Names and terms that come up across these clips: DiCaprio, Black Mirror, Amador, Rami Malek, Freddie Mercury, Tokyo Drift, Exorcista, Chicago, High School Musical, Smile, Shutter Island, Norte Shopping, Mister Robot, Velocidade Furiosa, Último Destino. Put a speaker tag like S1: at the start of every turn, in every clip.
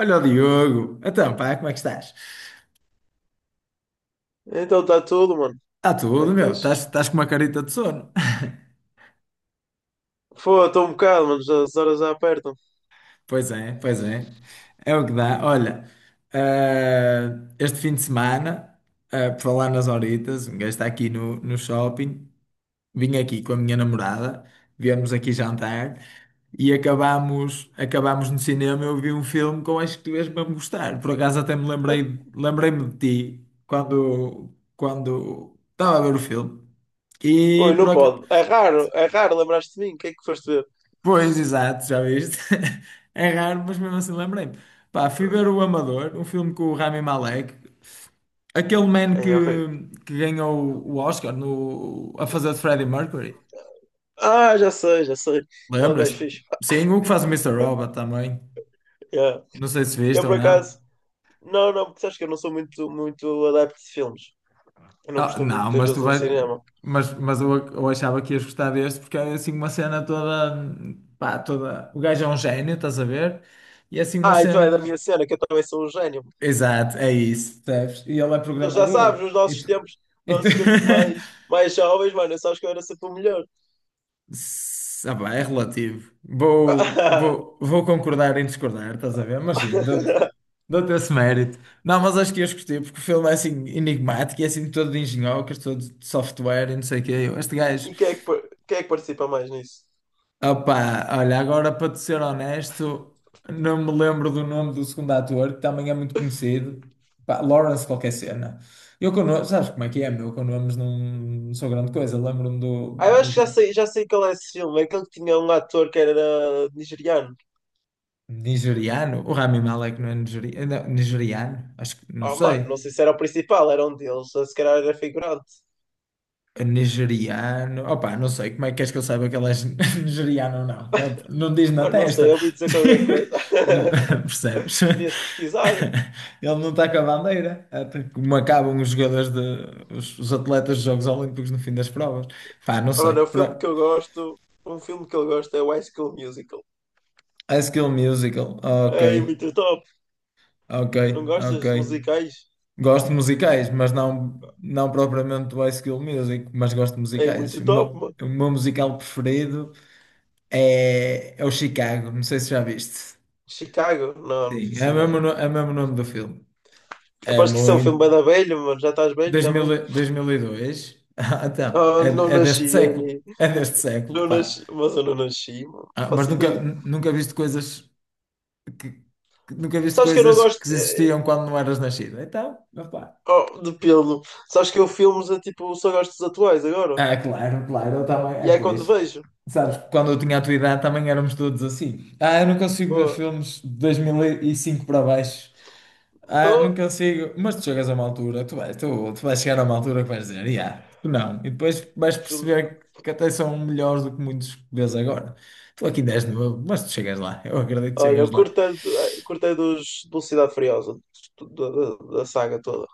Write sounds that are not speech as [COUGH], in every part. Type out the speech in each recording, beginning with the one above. S1: Olha o Diogo. Então, pá, como é que estás?
S2: Então está tudo, mano.
S1: Está
S2: Como é
S1: tudo,
S2: que
S1: meu. Estás,
S2: estás?
S1: estás com uma carita de sono. [LAUGHS]
S2: Foi, estou um bocado, mano. Já- as horas já apertam.
S1: Pois é, pois é. É o que dá. Olha, eh, este fim de semana, por falar nas horitas, um gajo está aqui no shopping. Vim aqui com a minha namorada, viemos aqui jantar e acabámos no cinema. Eu vi um filme que eu acho que tu ias mesmo gostar. Por acaso até me
S2: Ah,
S1: lembrei-me de ti quando estava a ver o filme.
S2: oi,
S1: E
S2: não
S1: por acaso.
S2: pode. É raro. Lembraste de mim? O que é que foste ver?
S1: Pois, exato, já viste? [LAUGHS] É raro, mas mesmo assim lembrei-me. Pá, fui ver o Amador, um filme com o Rami Malek, aquele man
S2: Ah,
S1: que,
S2: é horrível.
S1: que ganhou o Oscar no, a fazer de Freddie Mercury.
S2: Ah, já sei. Ele é um gajo
S1: Lembras-te?
S2: fixe.
S1: Sim, o que faz o Mister Robot também.
S2: Yeah.
S1: Não sei se viste
S2: Eu,
S1: ou
S2: por
S1: não.
S2: acaso, não, porque sabes que eu não sou muito adepto de filmes. Eu não
S1: Ah,
S2: costumo ir
S1: não,
S2: muitas
S1: mas tu
S2: vezes ao
S1: vais.
S2: cinema.
S1: Mas eu achava que ias gostar deste porque é assim uma cena toda. Pá, toda. O gajo é um gênio, estás a ver? E é assim uma
S2: Ah, então é da minha
S1: cena.
S2: cena, que eu também sou um gênio.
S1: Exato, é isso, percebes? E ele é
S2: Tu já sabes,
S1: programador.
S2: nos
S1: E tu-
S2: nossos tempos mais,
S1: [LAUGHS]
S2: mais jovens, mano, sabes que eu era sempre o melhor.
S1: Pá, é relativo. Vou,
S2: [LAUGHS]
S1: vou, vou concordar em discordar, estás a ver? Mas sim, dou-te esse mérito. Não, mas acho que eu gostei, porque o filme é assim enigmático, e é assim todo de engenhocas, todo de software e não sei o quê. Eu, este gajo.
S2: E quem é que, quem é que participa mais nisso?
S1: Opa, olha, agora para te ser honesto, não me lembro do nome do segundo ator, que também é muito conhecido. Pá, Lawrence qualquer cena. Eu com nomes, sabes como é que é, meu? Eu com nomes não, não sou grande coisa. Lembro-me do,
S2: Ah, eu
S1: do
S2: acho que já sei, já sei qual é esse filme. É aquele que tinha um ator que era nigeriano.
S1: Nigeriano. O Rami Malek não é não, nigeriano? Acho que, não
S2: Oh, mano,
S1: sei.
S2: não sei se era o principal, era um deles. Ou se calhar era figurante.
S1: Nigeriano. Opa, não sei como é que queres que eu saiba que ele é [LAUGHS] nigeriano ou não. Opa, não diz na
S2: Mano, não sei,
S1: testa.
S2: eu ouvi dizer qualquer coisa.
S1: [LAUGHS] Não- [LAUGHS] percebes?
S2: [LAUGHS] Podias pesquisar.
S1: Ele não está com a bandeira. Até como acabam os jogadores de, os atletas dos Jogos Olímpicos no fim das provas. Pá, não
S2: Ah,
S1: sei.
S2: mano, o filme que
S1: Pro-
S2: eu gosto, um filme que eu gosto é o High School Musical.
S1: High School Musical. Ok,
S2: É muito top.
S1: ok,
S2: Não
S1: ok.
S2: gostas de musicais?
S1: Gosto de musicais, mas não propriamente do High School Music, mas gosto de
S2: É
S1: musicais.
S2: muito
S1: O
S2: top,
S1: meu,
S2: mano.
S1: o meu musical preferido. É o Chicago, não sei se já viste.
S2: Chicago? Não, não
S1: Sim, é
S2: faço
S1: o mesmo,
S2: ideia.
S1: é o mesmo nome do filme. É
S2: Aposto que isso é um filme
S1: muito.
S2: bem da velha, mano. Já estás velho
S1: 2000,
S2: também.
S1: e- 2002. [LAUGHS] Ah, então,
S2: Ah, não
S1: é
S2: nasci
S1: deste século.
S2: aí.
S1: É deste século,
S2: Não
S1: pá.
S2: nasci, mano.
S1: Ah, mas
S2: Faço ideia.
S1: nunca viste coisas que, nunca viste
S2: Sabes que eu não
S1: coisas
S2: gosto
S1: que existiam quando não eras nascido. Então, opá.
S2: oh, de pelo. Sabes que eu filmes a tipo, só gosto dos atuais agora.
S1: Ah, claro, claro, eu também.
S2: E
S1: É,
S2: é quando
S1: pois.
S2: vejo.
S1: Sabes, quando eu tinha a tua idade também éramos todos assim. Ah, eu não consigo ver
S2: Oh,
S1: filmes de 2005 para baixo. Ah, não
S2: tô-
S1: consigo. Mas tu chegas a uma altura, tu vais chegar a uma altura que vais dizer, yeah, tu não. E depois vais
S2: filmes.
S1: perceber que até são melhores do que muitos que vês agora. Tu aqui ainda és novo, mas tu chegas lá. Eu acredito que
S2: Olha,
S1: chegas lá.
S2: curtei dos Velocidade Furiosa, da saga toda.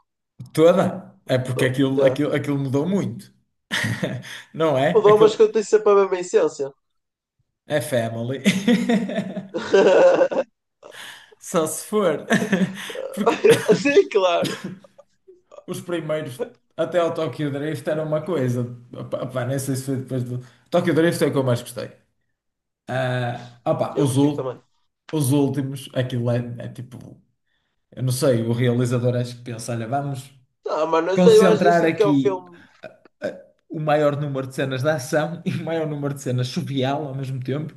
S1: Toda? É porque
S2: Top,
S1: aquilo,
S2: já.
S1: aquilo, aquilo mudou muito. [LAUGHS] Não
S2: O
S1: é?
S2: Domas
S1: Aquilo
S2: que eu tenho sempre a mesma essência.
S1: é family.
S2: [LAUGHS]
S1: [LAUGHS] Só se for. [LAUGHS] Porque [COUGHS]
S2: Sim, claro.
S1: os primeiros, até ao Tokyo Drift, era uma coisa. Opa, nem sei se foi depois do. Tokyo Drift é o que eu mais gostei. Ah, opa,
S2: Eu curti também.
S1: os últimos, aquilo é, é tipo, eu não sei, o realizador acho que pensa, olha, vamos
S2: Ah, mano, não sei, eu acho, eu
S1: concentrar
S2: sinto que é um
S1: aqui
S2: filme.
S1: o maior número de cenas de ação [LAUGHS] e o maior número de cenas surreal ao mesmo tempo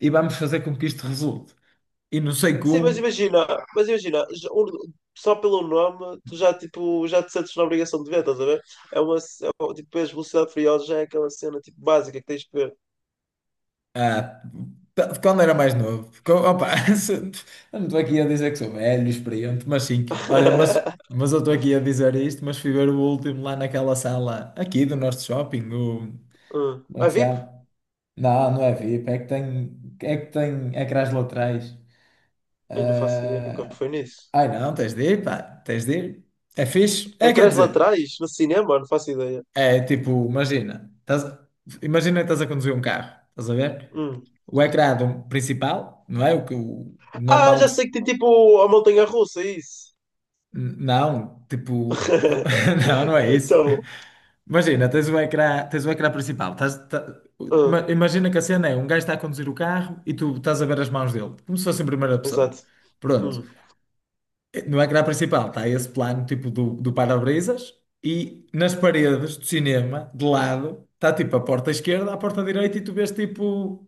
S1: e vamos fazer com que isto resulte. E não sei
S2: Sim,
S1: como,
S2: mas imagina, já- um- só pelo nome, tu já, tipo, já te sentes na obrigação de ver, estás a ver? É uma, c- é, um- tipo, as Velocidade Furiosa já é aquela cena, tipo, básica que tens de ver.
S1: ah, quando era mais novo, [LAUGHS] se- eu não estou aqui a dizer que sou velho, experiente, mas sim, olha,
S2: [LAUGHS]
S1: mas eu estou aqui a dizer isto, mas fui ver o último lá naquela sala aqui do nosso shopping,
S2: Hum.
S1: como é que
S2: A
S1: se
S2: VIP?
S1: chama? Não, não é VIP, é que tem ecrãs laterais.
S2: Eu não faço ideia, nunca
S1: Ah,
S2: fui nisso.
S1: ai não, tens de ir, pá, tens de ir. É fixe? É, quer
S2: Ecrãs
S1: dizer,
S2: laterais? No cinema? Não faço ideia.
S1: é tipo, imagina, estás, imagina que estás a conduzir um carro, estás a ver?
S2: Hum.
S1: O ecrã do principal, não é? O
S2: Ah,
S1: normal.
S2: já sei que tem, tipo, a montanha-russa, isso.
S1: Não, tipo,
S2: [LAUGHS]
S1: [LAUGHS] não, não é isso.
S2: Então,
S1: Imagina, tens o ecrã principal.
S2: hum,
S1: Imagina que a cena é um gajo está a conduzir o carro e tu estás a ver as mãos dele, como se fosse em primeira pessoa.
S2: exato.
S1: Pronto.
S2: Hum.
S1: No ecrã principal está esse plano tipo do para-brisas e nas paredes do cinema, de lado, está tipo a porta esquerda, a porta direita e tu vês tipo.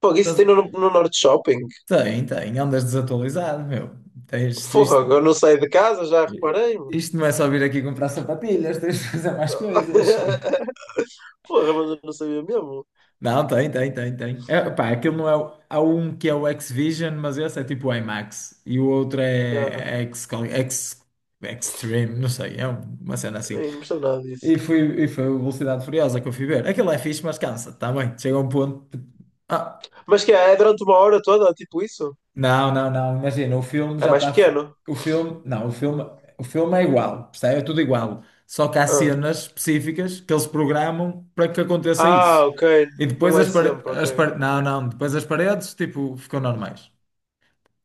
S2: Pô, isso tem
S1: estás-
S2: no Norte Shopping?
S1: Tem, tem, andas desatualizado, meu. Tens isto.
S2: Fogo, eu não saio de casa, já reparei-me.
S1: Isto não é só vir aqui comprar sapatilhas, tens de fazer mais coisas.
S2: [LAUGHS] Porra, mas eu não sabia mesmo.
S1: Não, tem. É, pá, aquilo não é. Há um que é o X-Vision, mas esse é tipo o IMAX. E o outro
S2: Yeah.
S1: é X, Extreme, não sei, é uma cena assim.
S2: Ei, não me sabe nada disso.
S1: E foi o Velocidade Furiosa que eu fui ver. Aquilo é fixe, mas cansa, está bem. Chega a um ponto. ah,
S2: Mas que é? É durante uma hora toda, tipo isso?
S1: Não, não. Imagina, o filme
S2: É
S1: já
S2: mais
S1: está.
S2: pequeno?
S1: O filme. Não, o filme é igual, percebe? É tudo igual. Só que há
S2: Ah,
S1: cenas específicas que eles programam para que aconteça
S2: Ah,
S1: isso.
S2: ok.
S1: E depois
S2: Não é
S1: as paredes.
S2: sempre,
S1: As
S2: ok.
S1: pare- Não, não. Depois as paredes, tipo, ficam normais.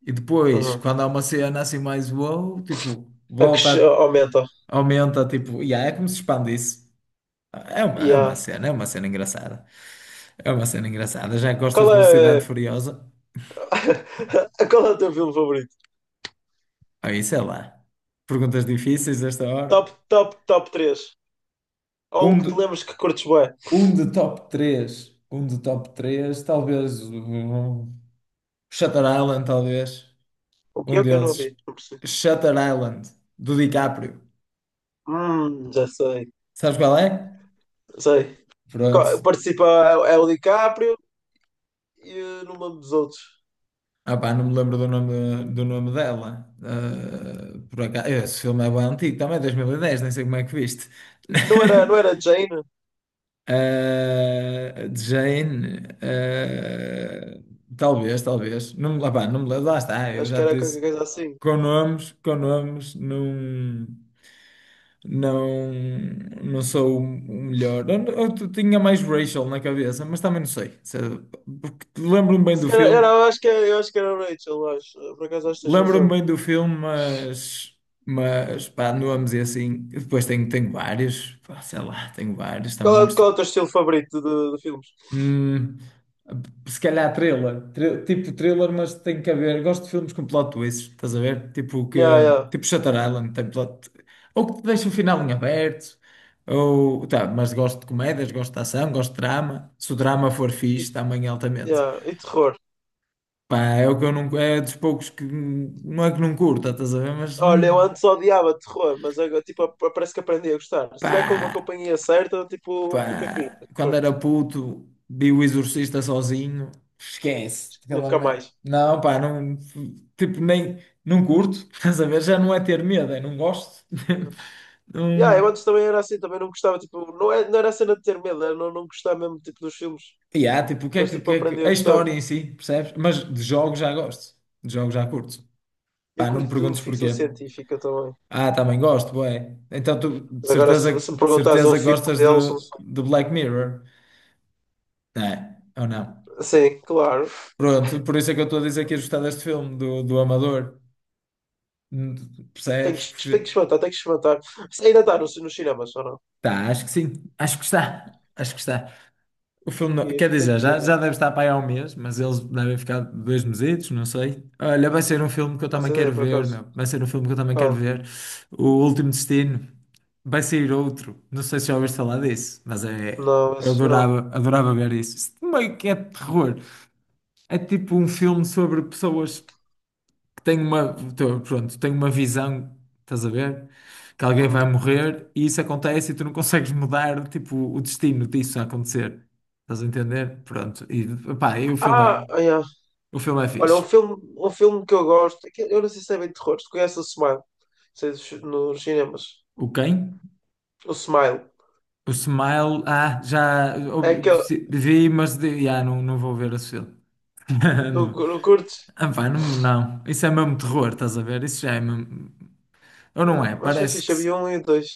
S1: E depois,
S2: Uhum.
S1: quando há uma cena assim mais wow, tipo,
S2: A que
S1: volta,
S2: aumenta.
S1: aumenta, tipo. E é como se expandisse. É uma, é uma
S2: Yeah.
S1: cena, é uma cena engraçada. É uma cena engraçada. Já gostas
S2: Qual
S1: de
S2: é...
S1: Velocidade Furiosa?
S2: [LAUGHS] Qual é o teu filme favorito?
S1: Aí, sei lá. Perguntas difíceis esta hora.
S2: Top três. Ou um
S1: Um
S2: que te
S1: de,
S2: lembres que curtes bué.
S1: Um de top 3 talvez. Shutter Island, talvez.
S2: O que
S1: Um
S2: é que eu não vi?
S1: deles.
S2: Não percebi.
S1: Shutter Island, do DiCaprio.
S2: Já sei.
S1: Sabes qual é?
S2: Sei.
S1: Pronto.
S2: Participa é o DiCaprio e não me lembro dos outros.
S1: Ah pá, não me lembro do nome dela. Ah, por acaso, esse filme é bem antigo, também 2010 nem sei como é que viste.
S2: Não
S1: [LAUGHS]
S2: era, não era Jane?
S1: Ah, de Jane, ah, talvez. Não, me- lá, pá, não, me- lá está, eu
S2: Acho
S1: já
S2: que
S1: te
S2: era qualquer
S1: disse.
S2: coisa assim.
S1: Com nomes, não, não, não sou o melhor. Tinha mais Rachel na cabeça, mas também não sei. Porque
S2: Se calhar, era, eu acho que era, eu acho que era o Rachel, acho. Por acaso acho que tens
S1: lembro-me
S2: razão.
S1: bem do filme, mas pá, nomes e assim. Depois tenho vários, pá, sei lá, tenho vários também.
S2: Qual é o teu estilo favorito de filmes?
S1: Hum, se calhar thriller, tipo thriller, mas tem que haver. Gosto de filmes com plot twists, estás a ver?
S2: Yeah, yeah.
S1: Tipo Shutter Island, tem plot, ou que te deixa o final em aberto, ou tá, mas gosto de comédias, gosto de ação, gosto de drama. Se o drama for
S2: E,
S1: fixe, também é altamente.
S2: yeah. E terror.
S1: Pá, é o que eu não, é dos poucos que não é que não curta, estás a ver? Mas
S2: Olha, eu antes odiava terror, mas agora tipo, parece que aprendi a gostar. Se tiver com uma
S1: pá.
S2: companhia certa, tipo, fica
S1: Pá,
S2: fixe.
S1: quando
S2: Terror.
S1: era puto, vi o Exorcista sozinho. Esquece.
S2: Nunca mais.
S1: Não, pá, não. Tipo, nem. Não curto. [LAUGHS] Estás a ver? Já não é ter medo, é não gosto. [LAUGHS]
S2: Yeah, eu
S1: Não.
S2: antes também era assim, também não gostava, tipo, não, é, não era a cena de ter medo, era não gostar mesmo tipo, dos filmes,
S1: E há, tipo,
S2: mas
S1: o que
S2: tipo,
S1: é
S2: aprendi
S1: que.
S2: a
S1: A
S2: gostar.
S1: história em si, percebes? Mas de jogos já gosto. De jogos já curto.
S2: Eu
S1: Pá, não me
S2: curto
S1: perguntes
S2: ficção
S1: porquê.
S2: científica também.
S1: Ah, também gosto, bué. Então tu
S2: Mas agora se,
S1: de
S2: se me perguntares um
S1: certeza
S2: filme
S1: gostas
S2: deles, um-
S1: de Black Mirror? Não é? Ou não?
S2: sim, claro.
S1: Pronto, por isso é que eu estou a dizer que ia gostar deste filme, do Amador. Hum,
S2: Tenho que,
S1: Percebes?
S2: tenho que
S1: Porque
S2: experimentar, tenho que experimentar. Isso ainda está no nos cinemas, ou não?
S1: tá, acho que sim. Acho que está. O filme não... Quer
S2: Tenho
S1: dizer,
S2: que ir
S1: já
S2: ver.
S1: deve estar para aí há um mês, mas eles devem ficar dois mesitos, não sei. Olha, vai ser um filme que eu
S2: Não faço
S1: também quero
S2: ideia, por
S1: ver,
S2: acaso.
S1: meu. Vai ser um filme que eu também quero
S2: Qual?
S1: ver. O Último Destino. Vai sair outro. Não sei se já ouviste falar disso, mas é.
S2: Não,
S1: Eu
S2: esse não.
S1: adorava ver isso. Isso meio que é terror. É tipo um filme sobre pessoas. Tenho uma visão, estás a ver? Que alguém
S2: Hum.
S1: vai morrer e isso acontece e tu não consegues mudar, tipo, o destino disso a acontecer. Estás a entender? Pronto. E, pá,
S2: Ah, ah, yeah.
S1: o filme é
S2: Olha,
S1: fixe.
S2: um filme que eu gosto. É que eu não sei se é bem terror. Tu conheces o Smile? Sei dos- nos cinemas.
S1: O quem?
S2: O Smile.
S1: O Smile, ah, já
S2: É
S1: ouvi-
S2: aquele.
S1: se- vi, mas não, não vou ver esse filme. [LAUGHS]
S2: Não,
S1: Não.
S2: não curtes?
S1: Ah, pá, não, não. Isso é mesmo terror, estás a ver? Isso já é mesmo. Ou
S2: Yeah.
S1: não é?
S2: Mas foi
S1: Parece
S2: fixe,
S1: que.
S2: havia um e dois.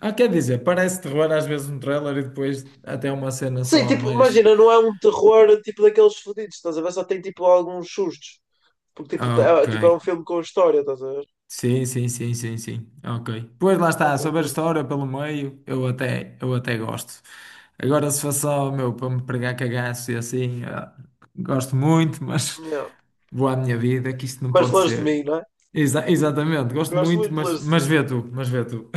S1: Ah, quer dizer, parece terror às vezes no trailer e depois até uma cena
S2: Sim,
S1: só
S2: tipo,
S1: mais.
S2: imagina, não é um terror tipo daqueles fodidos, estás a ver? Só tem tipo alguns sustos. Porque
S1: Ok.
S2: tipo, é um filme com história, estás a ver?
S1: Sim, sim, sim, sim, sim. Ok. Pois lá está,
S2: Pronto, eu
S1: sobre a
S2: curto.
S1: história pelo meio, eu até gosto. Agora se for só, meu, para me pregar cagaço e assim, ah, gosto muito, mas
S2: Yeah.
S1: vou à minha vida, que isto não
S2: Mas
S1: pode
S2: longe de
S1: ser.
S2: mim, não é?
S1: Exatamente, gosto
S2: Gosto
S1: muito,
S2: muito de longe de
S1: mas
S2: mim.
S1: vê tu, mas vê tu.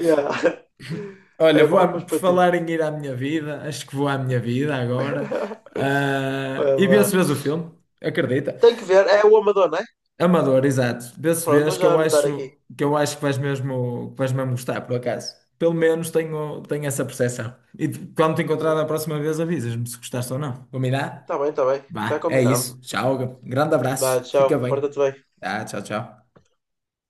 S2: Yeah. [LAUGHS]
S1: [LAUGHS] Olha,
S2: É bom, mas
S1: por
S2: para ti.
S1: falar em ir à minha vida, acho que vou à minha vida agora.
S2: [LAUGHS]
S1: Ah,
S2: Vai
S1: e vê se
S2: lá.
S1: vês o filme, acredita?
S2: Tem que ver, é o Amador, não é?
S1: Amador, exato. Desse
S2: Pronto, vou
S1: vez que
S2: já
S1: eu
S2: anotar aqui.
S1: acho que eu acho que vais mesmo gostar, por acaso. Pelo menos tenho, tenho essa percepção. Quando te encontrar da próxima vez, avisas-me se gostaste ou não. Combinado?
S2: Está bem. Está
S1: Vá, é
S2: combinado.
S1: isso. Tchau. Grande
S2: Vá,
S1: abraço. Fica
S2: tchau.
S1: bem.
S2: Porta-te bem.
S1: Ah, tchau, tchau.